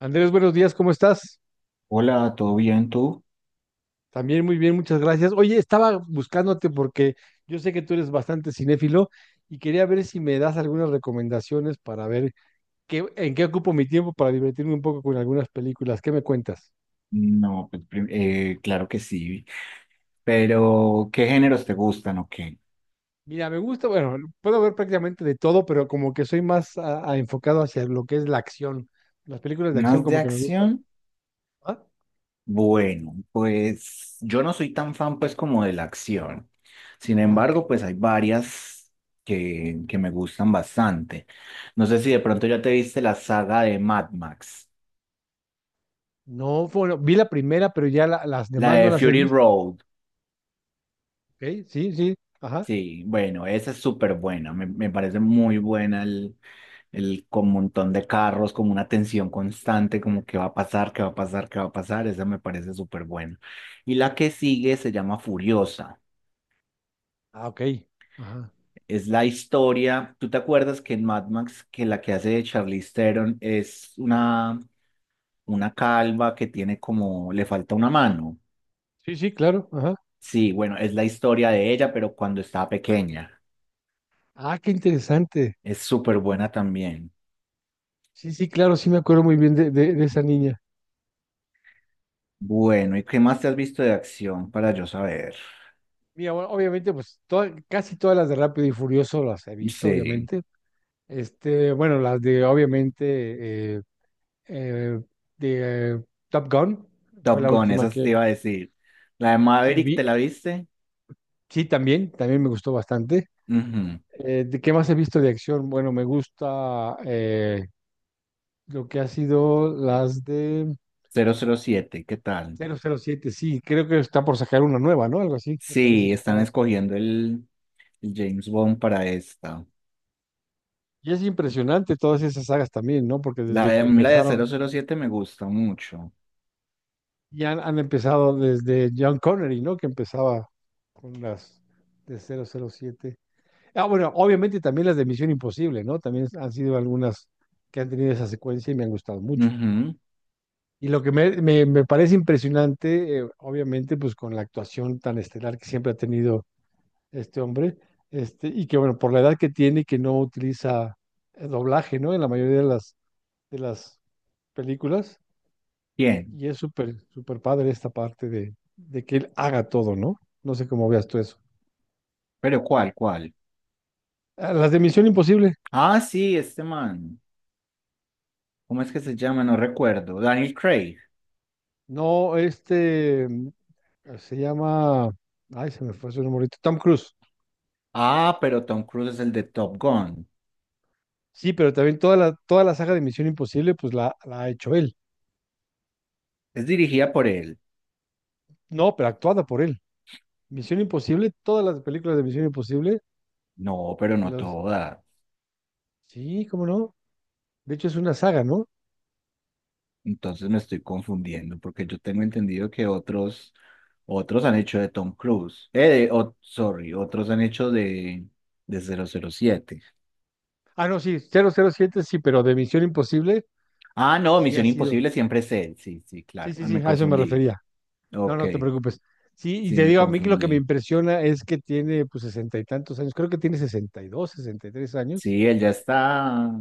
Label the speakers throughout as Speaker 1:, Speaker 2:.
Speaker 1: Andrés, buenos días, ¿cómo estás?
Speaker 2: Hola, ¿todo bien tú?
Speaker 1: También muy bien, muchas gracias. Oye, estaba buscándote porque yo sé que tú eres bastante cinéfilo y quería ver si me das algunas recomendaciones para ver en qué ocupo mi tiempo para divertirme un poco con algunas películas. ¿Qué me cuentas?
Speaker 2: No, pues, claro que sí, pero ¿qué géneros te gustan o qué?
Speaker 1: Mira, me gusta, bueno, puedo ver prácticamente de todo, pero como que soy más enfocado hacia lo que es la acción. Las películas de acción
Speaker 2: ¿Más de
Speaker 1: como que me gustan.
Speaker 2: acción?
Speaker 1: ¿Ah?
Speaker 2: Bueno, pues yo no soy tan fan pues como de la acción. Sin
Speaker 1: Ah,
Speaker 2: embargo, pues hay varias que me gustan bastante. No sé si de pronto ya te viste la saga de Mad Max,
Speaker 1: no, bueno, vi la primera, pero ya las
Speaker 2: la
Speaker 1: demás no
Speaker 2: de
Speaker 1: las he
Speaker 2: Fury
Speaker 1: visto.
Speaker 2: Road.
Speaker 1: ¿Ok? Sí, sí, ajá.
Speaker 2: Sí, bueno, esa es súper buena. Me parece muy buena el con un montón de carros, como una tensión constante, como qué va a pasar, qué va a pasar, qué va a pasar. Esa me parece súper buena. Y la que sigue se llama Furiosa.
Speaker 1: Ah, ok. Ajá.
Speaker 2: Es la historia. ¿Tú te acuerdas que en Mad Max, que la que hace de Charlize Theron es una calva que tiene como, le falta una mano?
Speaker 1: Sí, sí, claro. Ajá.
Speaker 2: Sí, bueno, es la historia de ella, pero cuando estaba pequeña.
Speaker 1: Ah, qué interesante.
Speaker 2: Es súper buena también.
Speaker 1: Sí, sí, claro, sí me acuerdo muy bien de esa niña.
Speaker 2: Bueno, ¿y qué más te has visto de acción para yo saber?
Speaker 1: Mira, bueno, obviamente, pues casi todas las de Rápido y Furioso las he visto,
Speaker 2: Sí,
Speaker 1: obviamente. Bueno, las de, obviamente, eh, de Top Gun, fue
Speaker 2: Top
Speaker 1: la
Speaker 2: Gun,
Speaker 1: última
Speaker 2: esa te
Speaker 1: que
Speaker 2: iba a decir. La de
Speaker 1: sí
Speaker 2: Maverick,
Speaker 1: vi.
Speaker 2: ¿te la viste?
Speaker 1: Sí, también, también me gustó bastante.
Speaker 2: Ujú,
Speaker 1: ¿De qué más he visto de acción? Bueno, me gusta lo que ha sido las de
Speaker 2: 007. ¿Qué tal?
Speaker 1: 007. Sí, creo que está por sacar una nueva, ¿no? Algo así, me parece
Speaker 2: Sí,
Speaker 1: que
Speaker 2: están
Speaker 1: estaba.
Speaker 2: escogiendo el James Bond para esta.
Speaker 1: Y es impresionante todas esas sagas también, ¿no? Porque
Speaker 2: La
Speaker 1: desde
Speaker 2: de,
Speaker 1: que
Speaker 2: a mí la de
Speaker 1: empezaron,
Speaker 2: 007 me gusta mucho.
Speaker 1: y han empezado desde John Connery, ¿no? Que empezaba con las de 007. Ah, bueno, obviamente también las de Misión Imposible, ¿no? También han sido algunas que han tenido esa secuencia y me han gustado mucho.
Speaker 2: Ujú.
Speaker 1: Y lo que me parece impresionante, obviamente, pues con la actuación tan estelar que siempre ha tenido este hombre, y que, bueno, por la edad que tiene y que no utiliza doblaje, ¿no? En la mayoría de las películas.
Speaker 2: Bien,
Speaker 1: Y es súper, súper padre esta parte de que él haga todo, ¿no? No sé cómo veas tú eso.
Speaker 2: pero ¿cuál, cuál?
Speaker 1: Ah, las de Misión Imposible.
Speaker 2: Ah, sí, este man. ¿Cómo es que se llama? No recuerdo. Daniel Craig.
Speaker 1: No, se llama. Ay, se me fue su nombre ahorita. Tom Cruise.
Speaker 2: Ah, pero Tom Cruise es el de Top Gun.
Speaker 1: Sí, pero también toda la saga de Misión Imposible, pues la ha hecho él.
Speaker 2: Es dirigida por él.
Speaker 1: No, pero actuada por él. Misión Imposible, todas las películas de Misión Imposible,
Speaker 2: No, pero no
Speaker 1: los...
Speaker 2: todas.
Speaker 1: sí, cómo no. De hecho, es una saga, ¿no?
Speaker 2: Entonces me estoy confundiendo porque yo tengo entendido que otros, otros han hecho de Tom Cruise. Sorry, otros han hecho de 007.
Speaker 1: Ah, no, sí, 007 sí, pero de Misión Imposible,
Speaker 2: Ah, no,
Speaker 1: sí ha
Speaker 2: Misión
Speaker 1: sido.
Speaker 2: Imposible siempre es él. Sí, sí,
Speaker 1: Sí,
Speaker 2: claro.
Speaker 1: sí,
Speaker 2: Ah,
Speaker 1: sí,
Speaker 2: me
Speaker 1: a eso me
Speaker 2: confundí.
Speaker 1: refería. No,
Speaker 2: Ok,
Speaker 1: no te preocupes. Sí, y
Speaker 2: sí,
Speaker 1: te
Speaker 2: me
Speaker 1: digo, a mí que lo que me
Speaker 2: confundí.
Speaker 1: impresiona es que tiene pues sesenta y tantos años, creo que tiene 60, 62, 63 años,
Speaker 2: Sí, él ya está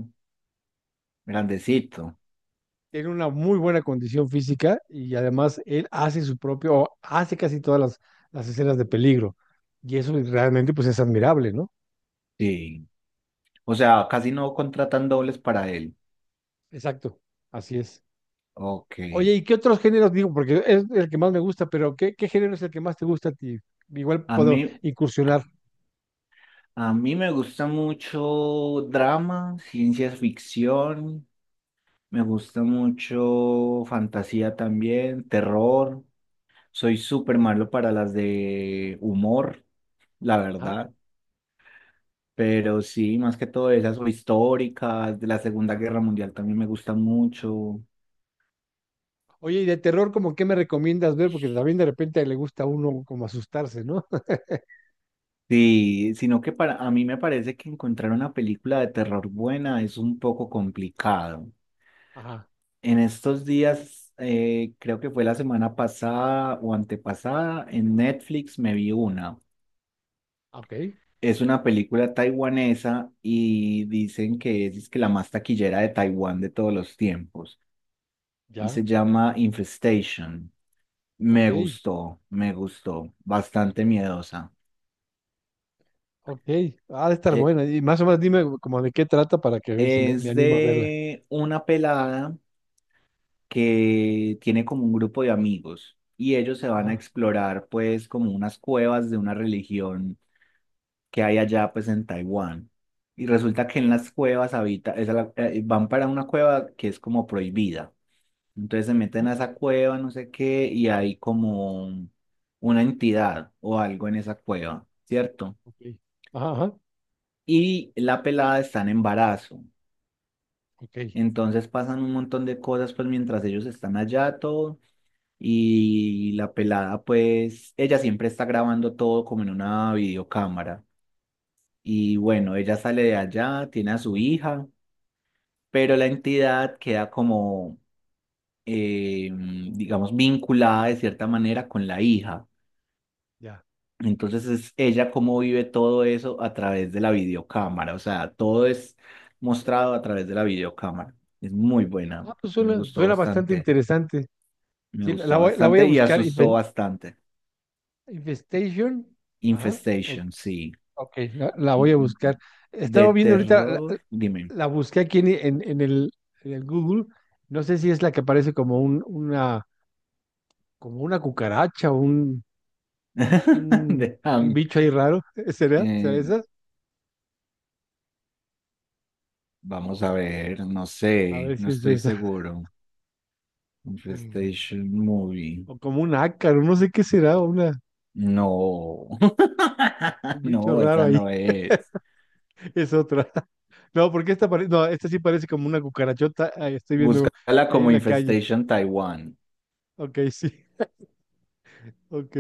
Speaker 2: grandecito.
Speaker 1: tiene una muy buena condición física y además él hace su propio, o hace casi todas las escenas de peligro. Y eso realmente pues es admirable, ¿no?
Speaker 2: Sí. O sea, casi no contratan dobles para él.
Speaker 1: Exacto, así es.
Speaker 2: Ok.
Speaker 1: Oye, ¿y qué otros géneros digo? Porque es el que más me gusta, pero ¿qué género es el que más te gusta a ti? Igual
Speaker 2: A
Speaker 1: puedo
Speaker 2: mí,
Speaker 1: incursionar.
Speaker 2: a mí me gusta mucho drama, ciencia ficción, me gusta mucho fantasía también, terror. Soy súper malo para las de humor, la
Speaker 1: Ajá.
Speaker 2: verdad. Pero sí, más que todo esas o históricas, de la Segunda Guerra Mundial también me gusta mucho.
Speaker 1: Oye, ¿y de terror como qué me recomiendas ver? Porque también de repente le gusta a uno como asustarse, ¿no?
Speaker 2: Sí, sino que para a mí me parece que encontrar una película de terror buena es un poco complicado.
Speaker 1: Ajá,
Speaker 2: En estos días, creo que fue la semana pasada o antepasada, en Netflix me vi una.
Speaker 1: ok,
Speaker 2: Es una película taiwanesa y dicen que es que la más taquillera de Taiwán de todos los tiempos. Y
Speaker 1: ya,
Speaker 2: se llama Infestation.
Speaker 1: ok,
Speaker 2: Me gustó, me gustó. Bastante miedosa.
Speaker 1: ok. Ha de estar
Speaker 2: Eh,
Speaker 1: bueno. Y más o menos dime como de qué trata para que a ver si me
Speaker 2: es
Speaker 1: animo a verla.
Speaker 2: de una pelada que tiene como un grupo de amigos y ellos se van a
Speaker 1: Ah,
Speaker 2: explorar pues como unas cuevas de una religión que hay allá pues en Taiwán. Y resulta que en
Speaker 1: ok.
Speaker 2: las cuevas habita, van para una cueva que es como prohibida. Entonces se meten a
Speaker 1: ¿No?
Speaker 2: esa cueva, no sé qué, y hay como una entidad o algo en esa cueva, ¿cierto?
Speaker 1: Ok. Ajá, ajá,
Speaker 2: Y la pelada está en embarazo.
Speaker 1: ok,
Speaker 2: Entonces pasan un montón de cosas pues mientras ellos están allá todo. Y la pelada pues, ella siempre está grabando todo como en una videocámara. Y bueno, ella sale de allá, tiene a su hija pero la entidad queda como, digamos, vinculada de cierta manera con la hija.
Speaker 1: ya.
Speaker 2: Entonces es ella cómo vive todo eso a través de la videocámara, o sea, todo es mostrado a través de la videocámara. Es muy buena,
Speaker 1: Ah, pues
Speaker 2: me
Speaker 1: suena,
Speaker 2: gustó
Speaker 1: suena bastante
Speaker 2: bastante,
Speaker 1: interesante.
Speaker 2: me
Speaker 1: Sí,
Speaker 2: gustó
Speaker 1: la voy a
Speaker 2: bastante y
Speaker 1: buscar.
Speaker 2: asustó bastante.
Speaker 1: Infestation. Ajá, ok,
Speaker 2: Infestation, sí.
Speaker 1: ok, la
Speaker 2: Mm,
Speaker 1: voy a
Speaker 2: mm,
Speaker 1: buscar.
Speaker 2: mm. De
Speaker 1: Estaba viendo ahorita,
Speaker 2: terror, dime.
Speaker 1: la busqué aquí en el Google. No sé si es la que aparece como una cucaracha o un,
Speaker 2: De,
Speaker 1: un
Speaker 2: am-
Speaker 1: bicho ahí raro. ¿Será? ¿Será
Speaker 2: eh,
Speaker 1: esa?
Speaker 2: vamos a ver, no
Speaker 1: A
Speaker 2: sé,
Speaker 1: ver
Speaker 2: no
Speaker 1: si es
Speaker 2: estoy
Speaker 1: esa.
Speaker 2: seguro. Infestation Movie.
Speaker 1: O como un ácaro, no sé qué será, o
Speaker 2: No.
Speaker 1: un bicho
Speaker 2: No,
Speaker 1: raro
Speaker 2: esa
Speaker 1: ahí.
Speaker 2: no es.
Speaker 1: Es otra. No, porque esta parece, no, esta sí parece como una cucarachota. Ahí estoy viendo
Speaker 2: Búscala
Speaker 1: ahí
Speaker 2: como
Speaker 1: en la calle.
Speaker 2: Infestation Taiwan.
Speaker 1: Ok, sí, ok.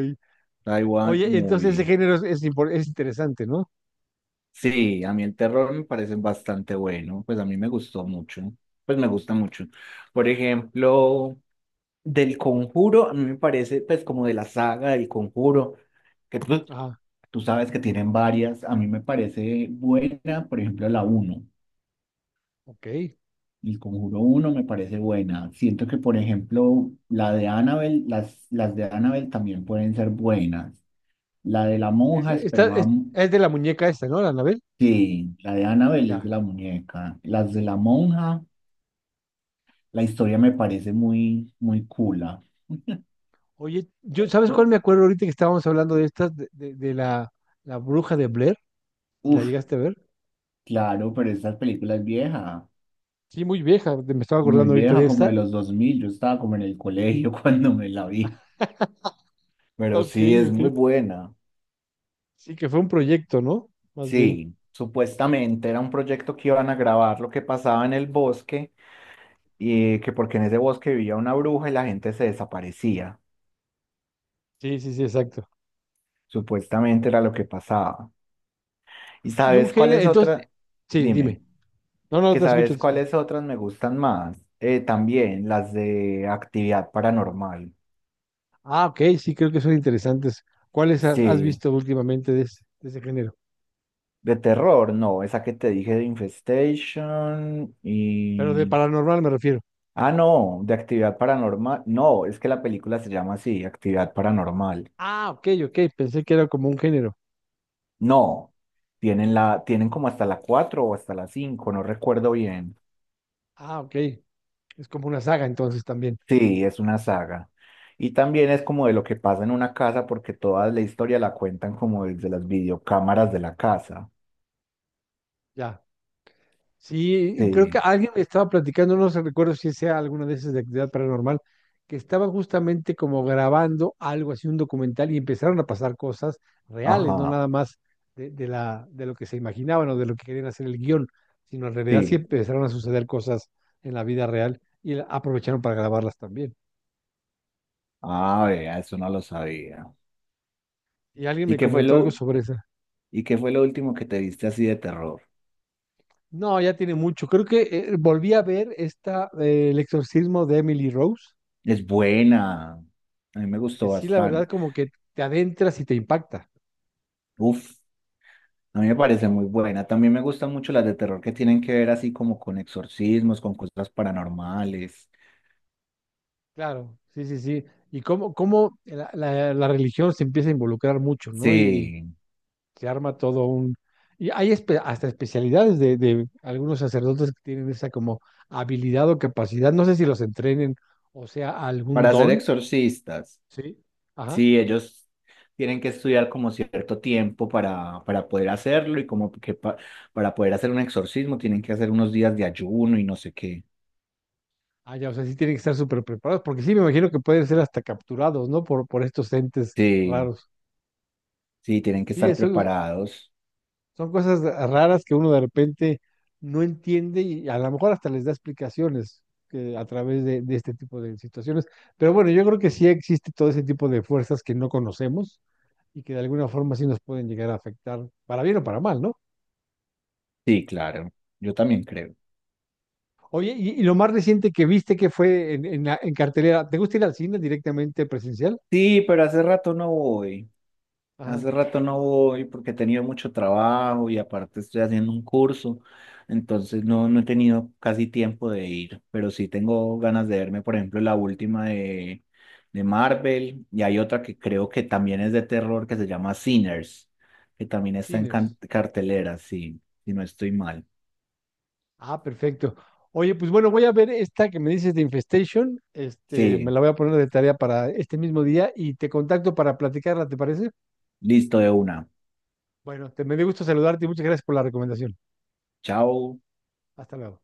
Speaker 2: Taiwan
Speaker 1: Oye, entonces ese
Speaker 2: Movie.
Speaker 1: género es interesante, ¿no?
Speaker 2: Sí, a mí el terror me parece bastante bueno. Pues a mí me gustó mucho. Pues me gusta mucho. Por ejemplo, del Conjuro, a mí me parece, pues como de la saga del Conjuro, que tú,
Speaker 1: Ah,
Speaker 2: tú sabes que tienen varias. A mí me parece buena, por ejemplo, la uno.
Speaker 1: ok.
Speaker 2: El Conjuro uno me parece buena. Siento que, por ejemplo, la de Annabelle, las de Annabelle también pueden ser buenas. La de la
Speaker 1: Es,
Speaker 2: monja
Speaker 1: de- está-
Speaker 2: esperaba,
Speaker 1: es, es de la muñeca esta, ¿no? La Anabel.
Speaker 2: sí, la de Annabelle es
Speaker 1: Ya.
Speaker 2: de la muñeca. Las de la monja, la historia me parece muy, muy cool.
Speaker 1: Oye, yo, ¿sabes cuál
Speaker 2: U-
Speaker 1: me acuerdo ahorita que estábamos hablando de estas, de la bruja de Blair? ¿La
Speaker 2: Uf,
Speaker 1: llegaste a ver?
Speaker 2: claro, pero esta película es vieja,
Speaker 1: Sí, muy vieja, me estaba
Speaker 2: muy
Speaker 1: acordando ahorita
Speaker 2: vieja,
Speaker 1: de
Speaker 2: como
Speaker 1: esta.
Speaker 2: de los 2000. Yo estaba como en el colegio cuando me la vi. Pero
Speaker 1: Ok,
Speaker 2: sí, es
Speaker 1: ok.
Speaker 2: muy buena.
Speaker 1: Sí, que fue un proyecto, ¿no? Más bien.
Speaker 2: Sí, supuestamente era un proyecto que iban a grabar lo que pasaba en el bosque y que porque en ese bosque vivía una bruja y la gente se desaparecía.
Speaker 1: Sí, sí, sí, exacto.
Speaker 2: Supuestamente era lo que pasaba. ¿Y
Speaker 1: Y un
Speaker 2: sabes
Speaker 1: género,
Speaker 2: cuáles
Speaker 1: entonces,
Speaker 2: otras?
Speaker 1: sí,
Speaker 2: Dime,
Speaker 1: dime. No, no,
Speaker 2: que
Speaker 1: te escucho,
Speaker 2: sabes
Speaker 1: te escucho.
Speaker 2: cuáles otras me gustan más. También las de actividad paranormal.
Speaker 1: Ah, ok, sí, creo que son interesantes. ¿Cuáles has
Speaker 2: Sí,
Speaker 1: visto últimamente de ese género?
Speaker 2: de terror, no, esa que te dije de Infestation
Speaker 1: Pero de
Speaker 2: y...
Speaker 1: paranormal me refiero.
Speaker 2: Ah, no, de actividad paranormal. No, es que la película se llama así, actividad paranormal.
Speaker 1: Ah, ok, ok, pensé que era como un género.
Speaker 2: No, tienen la, tienen como hasta la 4 o hasta la 5, no recuerdo bien.
Speaker 1: Ah, ok, es como una saga entonces también.
Speaker 2: Sí, es una saga. Y también es como de lo que pasa en una casa, porque toda la historia la cuentan como desde las videocámaras de la casa.
Speaker 1: Ya. Sí, creo que
Speaker 2: Sí,
Speaker 1: alguien me estaba platicando, no se recuerdo si sea alguna de esas de actividad paranormal, que estaban justamente como grabando algo así, un documental, y empezaron a pasar cosas reales, no
Speaker 2: ajá,
Speaker 1: nada más de lo que se imaginaban o de lo que querían hacer el guión, sino en realidad sí
Speaker 2: sí.
Speaker 1: empezaron a suceder cosas en la vida real y aprovecharon para grabarlas también.
Speaker 2: Ah, vea, eso no lo sabía.
Speaker 1: Y alguien
Speaker 2: ¿Y
Speaker 1: me
Speaker 2: qué fue
Speaker 1: comentó algo
Speaker 2: lo,
Speaker 1: sobre esa.
Speaker 2: y qué fue lo último que te viste así de terror?
Speaker 1: No, ya tiene mucho. Creo que volví a ver esta, el exorcismo de Emily Rose,
Speaker 2: Es buena. A mí me
Speaker 1: que
Speaker 2: gustó
Speaker 1: sí, la verdad,
Speaker 2: bastante.
Speaker 1: como que te adentras y te impacta.
Speaker 2: Uf. A mí me parece muy buena. También me gustan mucho las de terror que tienen que ver así como con exorcismos, con cosas paranormales.
Speaker 1: Claro, sí, sí, sí. Y cómo, cómo la religión se empieza a involucrar mucho, ¿no? Y
Speaker 2: Sí,
Speaker 1: se arma todo un. Y hay hasta especialidades de algunos sacerdotes que tienen esa como habilidad o capacidad, no sé si los entrenen o sea algún
Speaker 2: para ser
Speaker 1: don,
Speaker 2: exorcistas,
Speaker 1: ¿sí? Ajá.
Speaker 2: sí, ellos tienen que estudiar como cierto tiempo para poder hacerlo y como que para poder hacer un exorcismo tienen que hacer unos días de ayuno y no sé qué.
Speaker 1: Ah, ya, o sea, sí tienen que estar súper preparados, porque sí me imagino que pueden ser hasta capturados, ¿no? Por estos entes
Speaker 2: Sí,
Speaker 1: raros.
Speaker 2: sí, tienen que
Speaker 1: Sí,
Speaker 2: estar
Speaker 1: eso.
Speaker 2: preparados.
Speaker 1: Son cosas raras que uno de repente no entiende y a lo mejor hasta les da explicaciones que a través de este tipo de situaciones. Pero bueno, yo creo que sí existe todo ese tipo de fuerzas que no conocemos y que de alguna forma sí nos pueden llegar a afectar, para bien o para mal, ¿no?
Speaker 2: Sí, claro, yo también creo.
Speaker 1: Oye, y lo más reciente que viste que fue en cartelera, ¿te gusta ir al cine directamente presencial?
Speaker 2: Sí, pero hace rato no voy.
Speaker 1: Ajá,
Speaker 2: Hace rato no voy porque he tenido mucho trabajo y aparte estoy haciendo un curso, entonces no, no he tenido casi tiempo de ir, pero sí tengo ganas de verme, por ejemplo, la última de, Marvel y hay otra que creo que también es de terror que se llama Sinners, que también está en
Speaker 1: Ciners.
Speaker 2: cartelera, sí, si no estoy mal.
Speaker 1: Ah, perfecto. Oye, pues bueno, voy a ver esta que me dices de Infestation. Me
Speaker 2: Sí,
Speaker 1: la voy a poner de tarea para este mismo día y te contacto para platicarla, ¿te parece?
Speaker 2: listo de una.
Speaker 1: Bueno, te me dio gusto saludarte y muchas gracias por la recomendación.
Speaker 2: Chao.
Speaker 1: Hasta luego.